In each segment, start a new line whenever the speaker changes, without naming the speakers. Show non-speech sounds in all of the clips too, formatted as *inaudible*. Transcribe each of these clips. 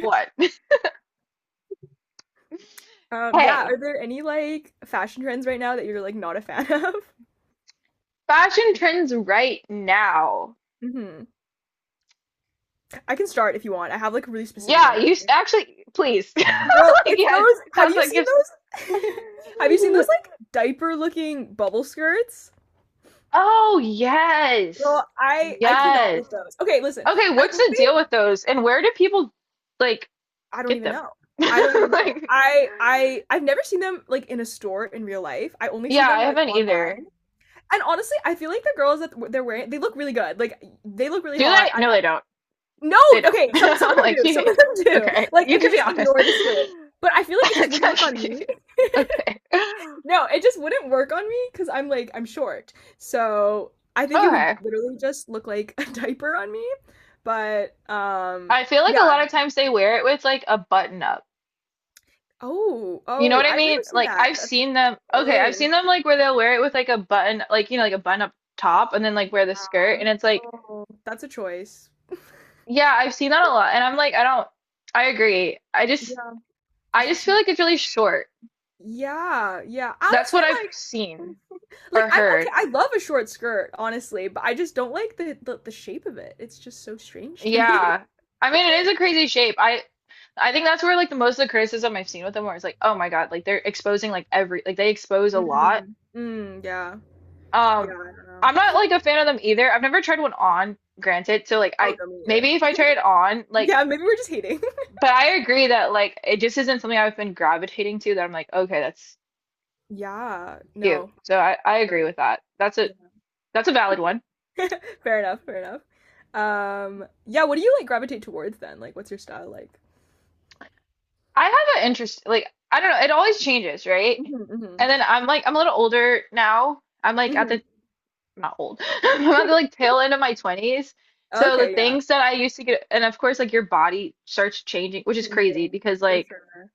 What? *laughs*
Yeah,
Hey,
are there any like fashion trends right now that you're like not a fan of?
fashion trends right now.
*laughs* hmm I can start if you want. I have like a really specific one
Yeah,
in
you s-
mind.
actually, please. *laughs*
Girl,
Like,
it's
yes,
those.
it
Have
sounds
you
like
seen
you've.
those? *laughs* Have you seen
*laughs*
those like diaper looking bubble skirts?
Oh, yes.
Girl, I cannot
Yes.
with those. Okay, listen.
Okay,
I
what's
think
the deal with
they
those? And where do people, like,
I don't
get
even
them?
know.
*laughs*
I don't even know.
Like,
I've never seen them like in a store in real life. I only see
yeah,
them
I
like
haven't either.
online. And honestly, I feel like the girls that they're wearing, they look really good. Like they look really
Do
hot.
they? No, they don't.
No,
They don't. *laughs*
okay, some of
I'm
them
like,
do.
you,
Some of them do.
okay,
Like
you
if you
can be
just
honest.
ignore
*laughs*
the skirt. But I feel like it just wouldn't work on me.
Okay.
No, it just wouldn't work on me because I'm short. So I think it would
Okay.
literally just look like a *laughs* diaper on me. But
I feel like
yeah,
a
I
lot
don't
of
know.
times they wear it with like a button up.
Oh,
You know
oh,
what I
I've
mean?
never seen
Like
that.
I've
That's
seen them, okay, I've
oh.
seen them like where they'll wear it with like a button, like you know, like a button up top and then like wear the skirt and it's like,
Oh, that's a choice.
yeah, I've seen that a lot and I'm like, I don't I agree. I just
Yeah,
I
it's
just
just
feel
not.
like it's really short.
Yeah, yeah.
That's
Honestly,
what I've seen
like *laughs*
or
I'm okay,
heard.
I love a short skirt, honestly, but I just don't like the shape of it. It's just so strange to me. *laughs*
Yeah. I mean, it is a crazy shape. I think that's where like the most of the criticism I've seen with them where it's like, oh my God, like they're exposing like every like they expose a lot.
Mm. Mm, yeah. Yeah,
Um,
I don't know.
I'm not like a fan of them either. I've never tried one on, granted. So like
Oh,
I
no, me neither.
maybe if I try it on, like
Yeah, maybe we're just hating.
but I agree that like it just isn't something I've been gravitating to that I'm like, okay, that's
*laughs* Yeah,
cute.
no.
So I
Sure.
agree with that.
Yeah.
That's a valid one.
Fair enough, fair enough. Yeah, what do you like gravitate towards then? Like, what's your style like?
I have an interest like I don't know, it always changes, right?
Hmm hmm
And then I'm like I'm a little older now. I'm like at the
hmm
I'm not old. *laughs* I'm at the
*laughs*
like tail end of my 20s. So the
Okay, yeah.
things that I used to get, and of course, like your body starts changing, which is crazy
Changing,
because
for
like
sure.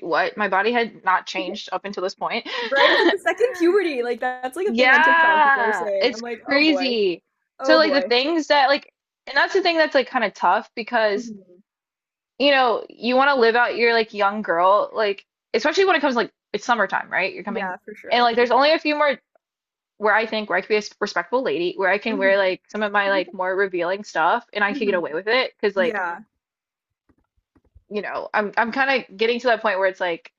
what? My body had not changed
*laughs*
up until this point.
Right? It's like the second
*laughs*
puberty. Like that's like a thing on TikTok people are
Yeah,
saying. I'm
it's
like, oh boy,
crazy. So
oh
like the
boy.
things that like and that's the thing that's like kind of tough because
Hmm
you know, you want to live out your like young girl like especially when it comes like it's summertime, right? You're coming
Yeah, for
and
sure,
like
for
there's only
sure.
a few more where I think where I could be a s- respectful lady, where I can wear
hmm
like some of my like
*laughs*
more revealing stuff and I could get
hmm
away with it because like,
Yeah,
you know, I'm kind of getting to that point where it's like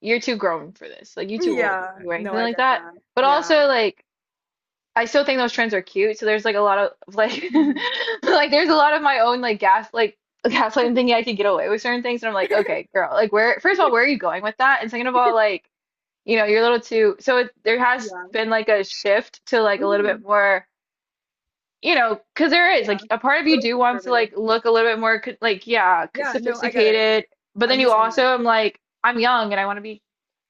you're too grown for this. Like you're too old
yeah.
to be wearing
No,
something
I
like
get
that.
that.
But
Yeah.
also like I still think those trends are cute. So there's like a lot of like
hmm
*laughs* like there's a lot of my own like gas like *laughs* gaslighting
*laughs*
thinking I could get away with certain things. And I'm like, okay, girl, like where first of all, where are you going with that? And second of all, like, you know, you're a little too so it, there has
Yeah.
been like a shift to like a little bit
hmm
more. You know, because there is like
Yeah.
a part of you
Little
do want to like
conservative.
look a little bit more co- like yeah, c-
Yeah, no, I get it.
sophisticated, but then
I'm the
you
same
also
way.
am like I'm young and I want to be.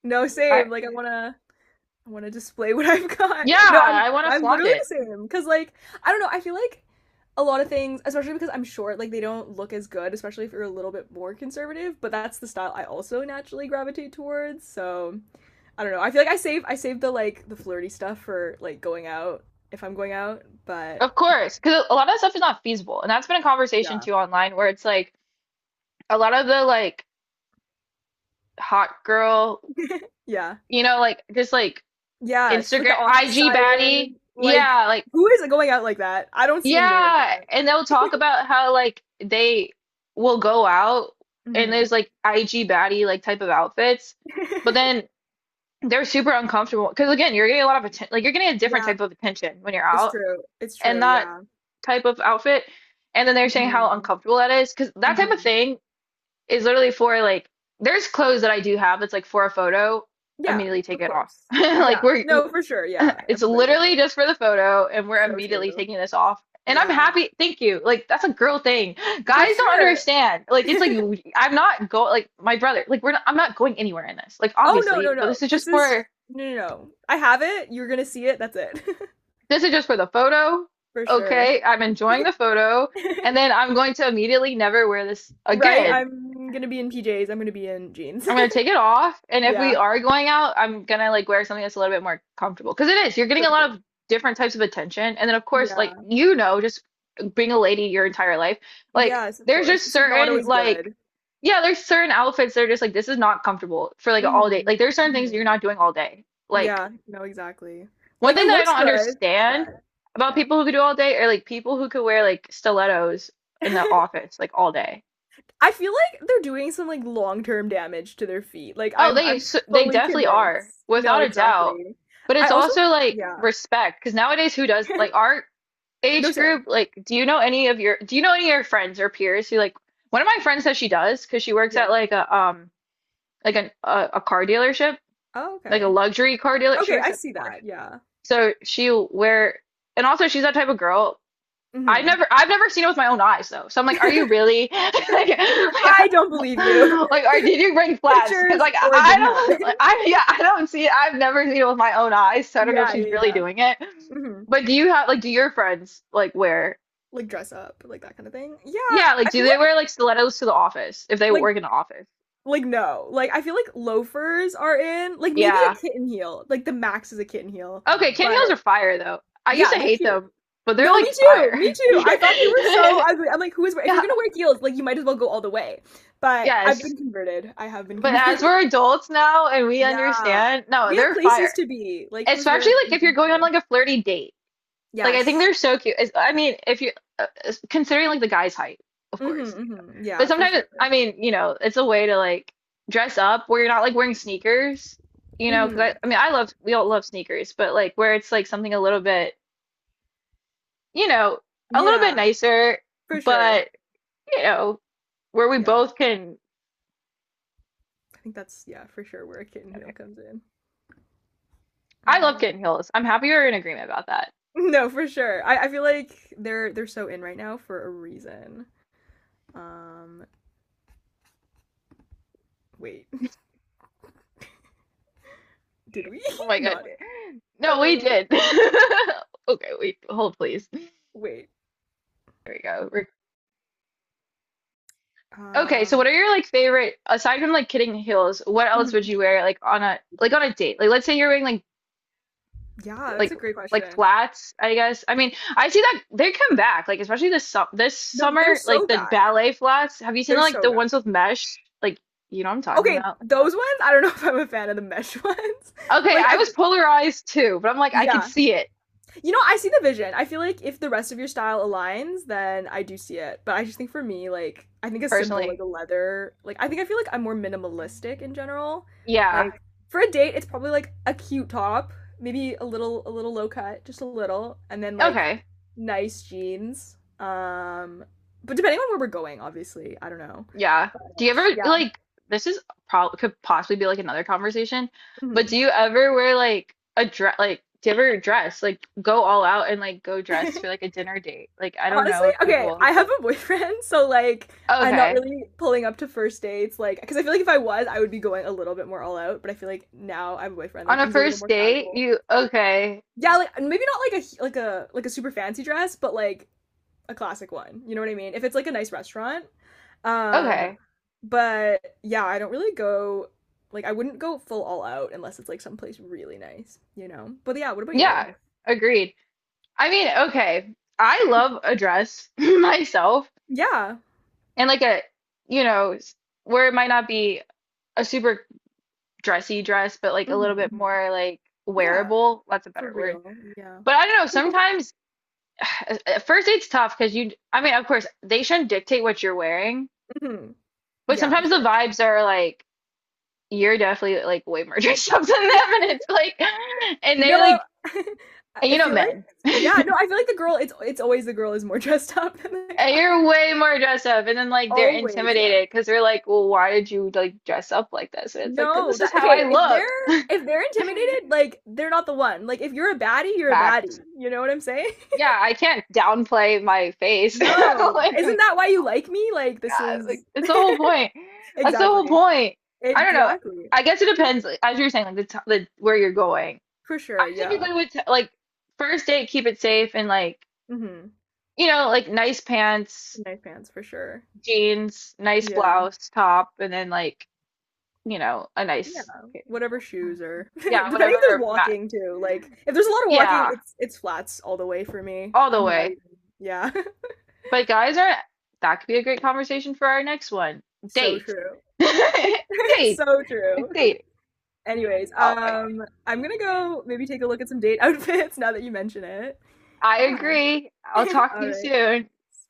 No, same. I want to display what *laughs* I've got.
Yeah,
No, I'm
I want to
I'm
flaunt
literally the
it.
same cuz like I don't know, I feel like a lot of things, especially because I'm short, like they don't look as good, especially if you're a little bit more conservative, but that's the style I also naturally gravitate towards. So, I don't know. I feel like I save the like the flirty stuff for like going out if I'm going out, but
Of course, because a lot of stuff is not feasible. And that's been a conversation
yeah.
too online where it's like a lot of the like hot girl,
*laughs* yeah.
you know, like just like
Yes, like the
Instagram,
office
IG baddie.
siren. Like
Yeah, like,
who is going out like that? I don't see anybody like
yeah.
that.
And they'll talk about how like they will go out and
Mhm.
there's like IG baddie like type of outfits, but
*laughs*
then they're super uncomfortable because again, you're getting a lot of attention, like you're getting a different
yeah,
type of attention when you're
it's
out
true. It's
and
true.
not
Yeah.
type of outfit. And then they're saying how
Mhm,
uncomfortable that is because that type of
mhm.
thing is literally for like there's clothes that I do have that's like for a photo,
Yeah,
immediately take
of
it off. *laughs*
course.
Like
Yeah.
we're
No, for sure, yeah.
*laughs* it's
Everybody, I feel
literally
like.
just for the photo and we're
So
immediately
true.
taking this off. And I'm
Yeah.
happy. Thank you. Like that's a girl thing.
For
Guys don't
sure.
understand. Like it's like
*laughs*
I'm not going like my brother. Like we're not, I'm not going anywhere in this. Like
Oh, no, no,
obviously, but
no.
this is
This
just
is
for
no, no, no. I have it. You're gonna see it. That's it.
this is just for the photo.
*laughs* For sure.
Okay, I'm enjoying the photo, and then
*laughs*
I'm going to immediately never wear this
Right?
again.
I'm gonna be in PJs. I'm gonna be in jeans.
I'm
*laughs*
gonna take it off, and if we
Yeah,
are going out, I'm gonna like wear something that's a little bit more comfortable. Because it is, you're getting
for
a lot
sure.
of different types of attention, and then of course,
Yeah.
like you know, just being a lady your entire life, like
Yes, of
there's
course.
just
It's not
certain
always
like
good.
yeah, there's certain outfits that are just like this is not comfortable for like
Hmm
all day. Like there's certain things you're
hmm
not doing all day. Like
Yeah, no, exactly.
one
Like
thing
it
that I
looks
don't
good,
understand
but
about
yeah.
people who could do all day are like people who could wear like stilettos in the
*laughs*
office like all day.
I feel like they're doing some like long-term damage to their feet. Like
Oh,
I'm
they
I'm
s- they
fully
definitely are
convinced. No,
without a doubt.
exactly.
But
I
it's
also
also like
yeah.
respect because nowadays who does like
*laughs*
our
No,
age group
same.
like do you know any of your do you know any of your friends or peers who like one of my friends says she does because she works
Yeah.
at like a like an, a car dealership
Oh,
like a
okay.
luxury car dealer she
Okay,
works
I
at
see
Porsche
that. Yeah.
so she'll wear and also she's that type of girl. I've
Mhm.
never I've never seen it with my own eyes though. So I'm like, are you
*laughs*
really *laughs*
I don't believe you.
like are did you bring
*laughs*
flats? Because
Pictures
like
or it didn't
I
happen.
don't like, I
*laughs*
yeah, I don't see it. I've never seen it with my own eyes, so I don't know if
Yeah,
she's
yeah,
really
yeah.
doing it.
Mhm.
But do you have like do your friends like wear
Like dress up, like that kind of thing. Yeah,
yeah, like
I
do
feel
they
like
wear like stilettos to the office if they
like
work in the office?
like no. Like I feel like loafers are in. Like maybe a
Yeah.
kitten heel. Like the max is a kitten heel.
Okay, Ken
But
heels are fire though. I used
yeah,
to
they're
hate
cute.
them, but they're
No,
like
me too.
fire.
Me
*laughs*
too. I thought they were so ugly. I'm like, who is if you're
Yeah,
gonna wear heels, like you might as well go all the way. But I've
yes.
been converted. I have been
But as
converted.
we're
*laughs*
adults now and we
Yeah.
understand, no,
We have
they're
places
fire.
to be. Like who's
Especially
wearing
like if
anything
you're going on
higher?
like a flirty date. Like I think
Yes.
they're so cute. It's- I mean, if you considering like the guy's height, of course.
Mm-hmm, mm-hmm.
But
Yeah, for
sometimes
sure.
I mean, you know, it's a way to like dress up where you're not like wearing sneakers, you know? Because
Mm-hmm.
I mean, I love we all love sneakers, but like where it's like something a little bit, you know, a little bit
Yeah,
nicer,
for sure.
but you know, where we
Yeah.
both can.
I think that's yeah, for sure where a kitten heel comes in.
I love
Um
kitten heels. I'm happy we're in agreement about that.
*laughs* No, for sure. I feel like they're so in right now for a reason. Um wait, *laughs* did we
Oh
*laughs*
my God.
not?
No,
Oh my
we
god.
did. *laughs* Okay, we hold please.
Wait.
There we go. Re- Okay, so what
Um,
are your like favorite aside from like kidding heels, what else would
mhm.
you wear like on a date? Like let's say you're wearing
Yeah, that's
like
a great
like
question.
flats, I guess. I mean, I see that they come back, like especially this su this
No, they're
summer, like
so
the
back.
ballet flats. Have you seen
They're
like
so
the ones
back.
with mesh? Like you know what I'm talking
Okay,
about.
those ones, I don't know *laughs* if I'm a fan of the mesh ones. *laughs*
Okay,
Like
I
I
was polarized too, but I'm like I could
yeah,
see it
you know, I see the vision. I feel like if the rest of your style aligns, then I do see it. But I just think for me, like, I think a simple, like
personally.
a leather, like, I think I feel like I'm more minimalistic in general.
Yeah.
Like, for a date, it's probably like a cute top, maybe a little low cut, just a little, and then like
Okay.
nice jeans. But depending on where we're going, obviously, I don't know.
Yeah.
But
Do you ever
yeah.
like this is probably could possibly be like another conversation, but
hmm
do you ever wear like a dress like do you ever dress like go all out and like go dress for
*laughs*
like a dinner date? Like I don't
Honestly,
know if
okay,
people
I have a boyfriend, so like I'm not
okay.
really pulling up to first dates, like because I feel like if I was, I would be going a little bit more all out. But I feel like now I have a boyfriend,
On
like
a
things are a little
first
more
date,
casual.
you okay.
Yeah, like maybe not like a like a like a super fancy dress, but like a classic one. You know what I mean? If it's like a nice restaurant, um,
Okay.
but yeah, I don't really go like I wouldn't go full all out unless it's like someplace really nice, you know? But yeah, what about you?
Yeah, agreed. I mean, okay. I love a dress *laughs* myself
Yeah.
and like a you know, s- where it might not be a super dressy dress, but like a
hmm
little bit more like
Yeah,
wearable. That's a
for
better word.
real. Yeah.
But I don't know,
*laughs*
sometimes *sighs* at first it's tough because you, I mean, of course, they shouldn't dictate what you're wearing,
Mhm.
but
Yeah, of
sometimes the
course.
vibes are like, you're definitely like way more *laughs* dressed up than
Yeah.
them. And it's like, and they
No,
like,
*laughs*
and
I
you know,
feel like
men,
yeah, no, I feel like the girl it's always the girl is more *laughs* dressed up than the
and
guy.
you're way more dressed up. And then like they're
Always, yeah.
intimidated because they're like, well, why did you like dress up like this? And it's like, 'cause
No,
this is
that
how
okay,
I
if
look.
they're if they're intimidated, like they're not the one. Like if you're a baddie, you're a baddie.
Facts.
You know what I'm saying? *laughs*
Yeah, I can't downplay my face. *laughs*
No. Isn't
Like,
that why you like me? Like this
like
is
that's the whole
*laughs*
point. That's the whole
exactly.
point. I don't know.
Exactly.
I guess it depends, like, as you're saying, like the where you're going.
For
I
sure, yeah.
typically would t like first date, keep it safe and like
hmm
you know, like nice pants,
Nice pants for sure.
jeans, nice
Yeah.
blouse, top, and then like you know, a
Yeah,
nice
whatever shoes are. *laughs*
yeah,
Depending if there's
whatever mat.
walking too. Like if there's a lot of walking,
Yeah,
it's flats all the way for me.
all the
I'm not
way.
even. Yeah. *laughs*
But guys are that could be a great conversation for our next one.
So
Date.
true.
*laughs*
*laughs*
Date.
So true.
Date.
Anyways,
Oh my
I'm gonna go maybe take a look at some date *laughs* outfits now that you mention it.
I
Yeah.
agree.
*laughs*
I'll talk to
All
you
right.
soon.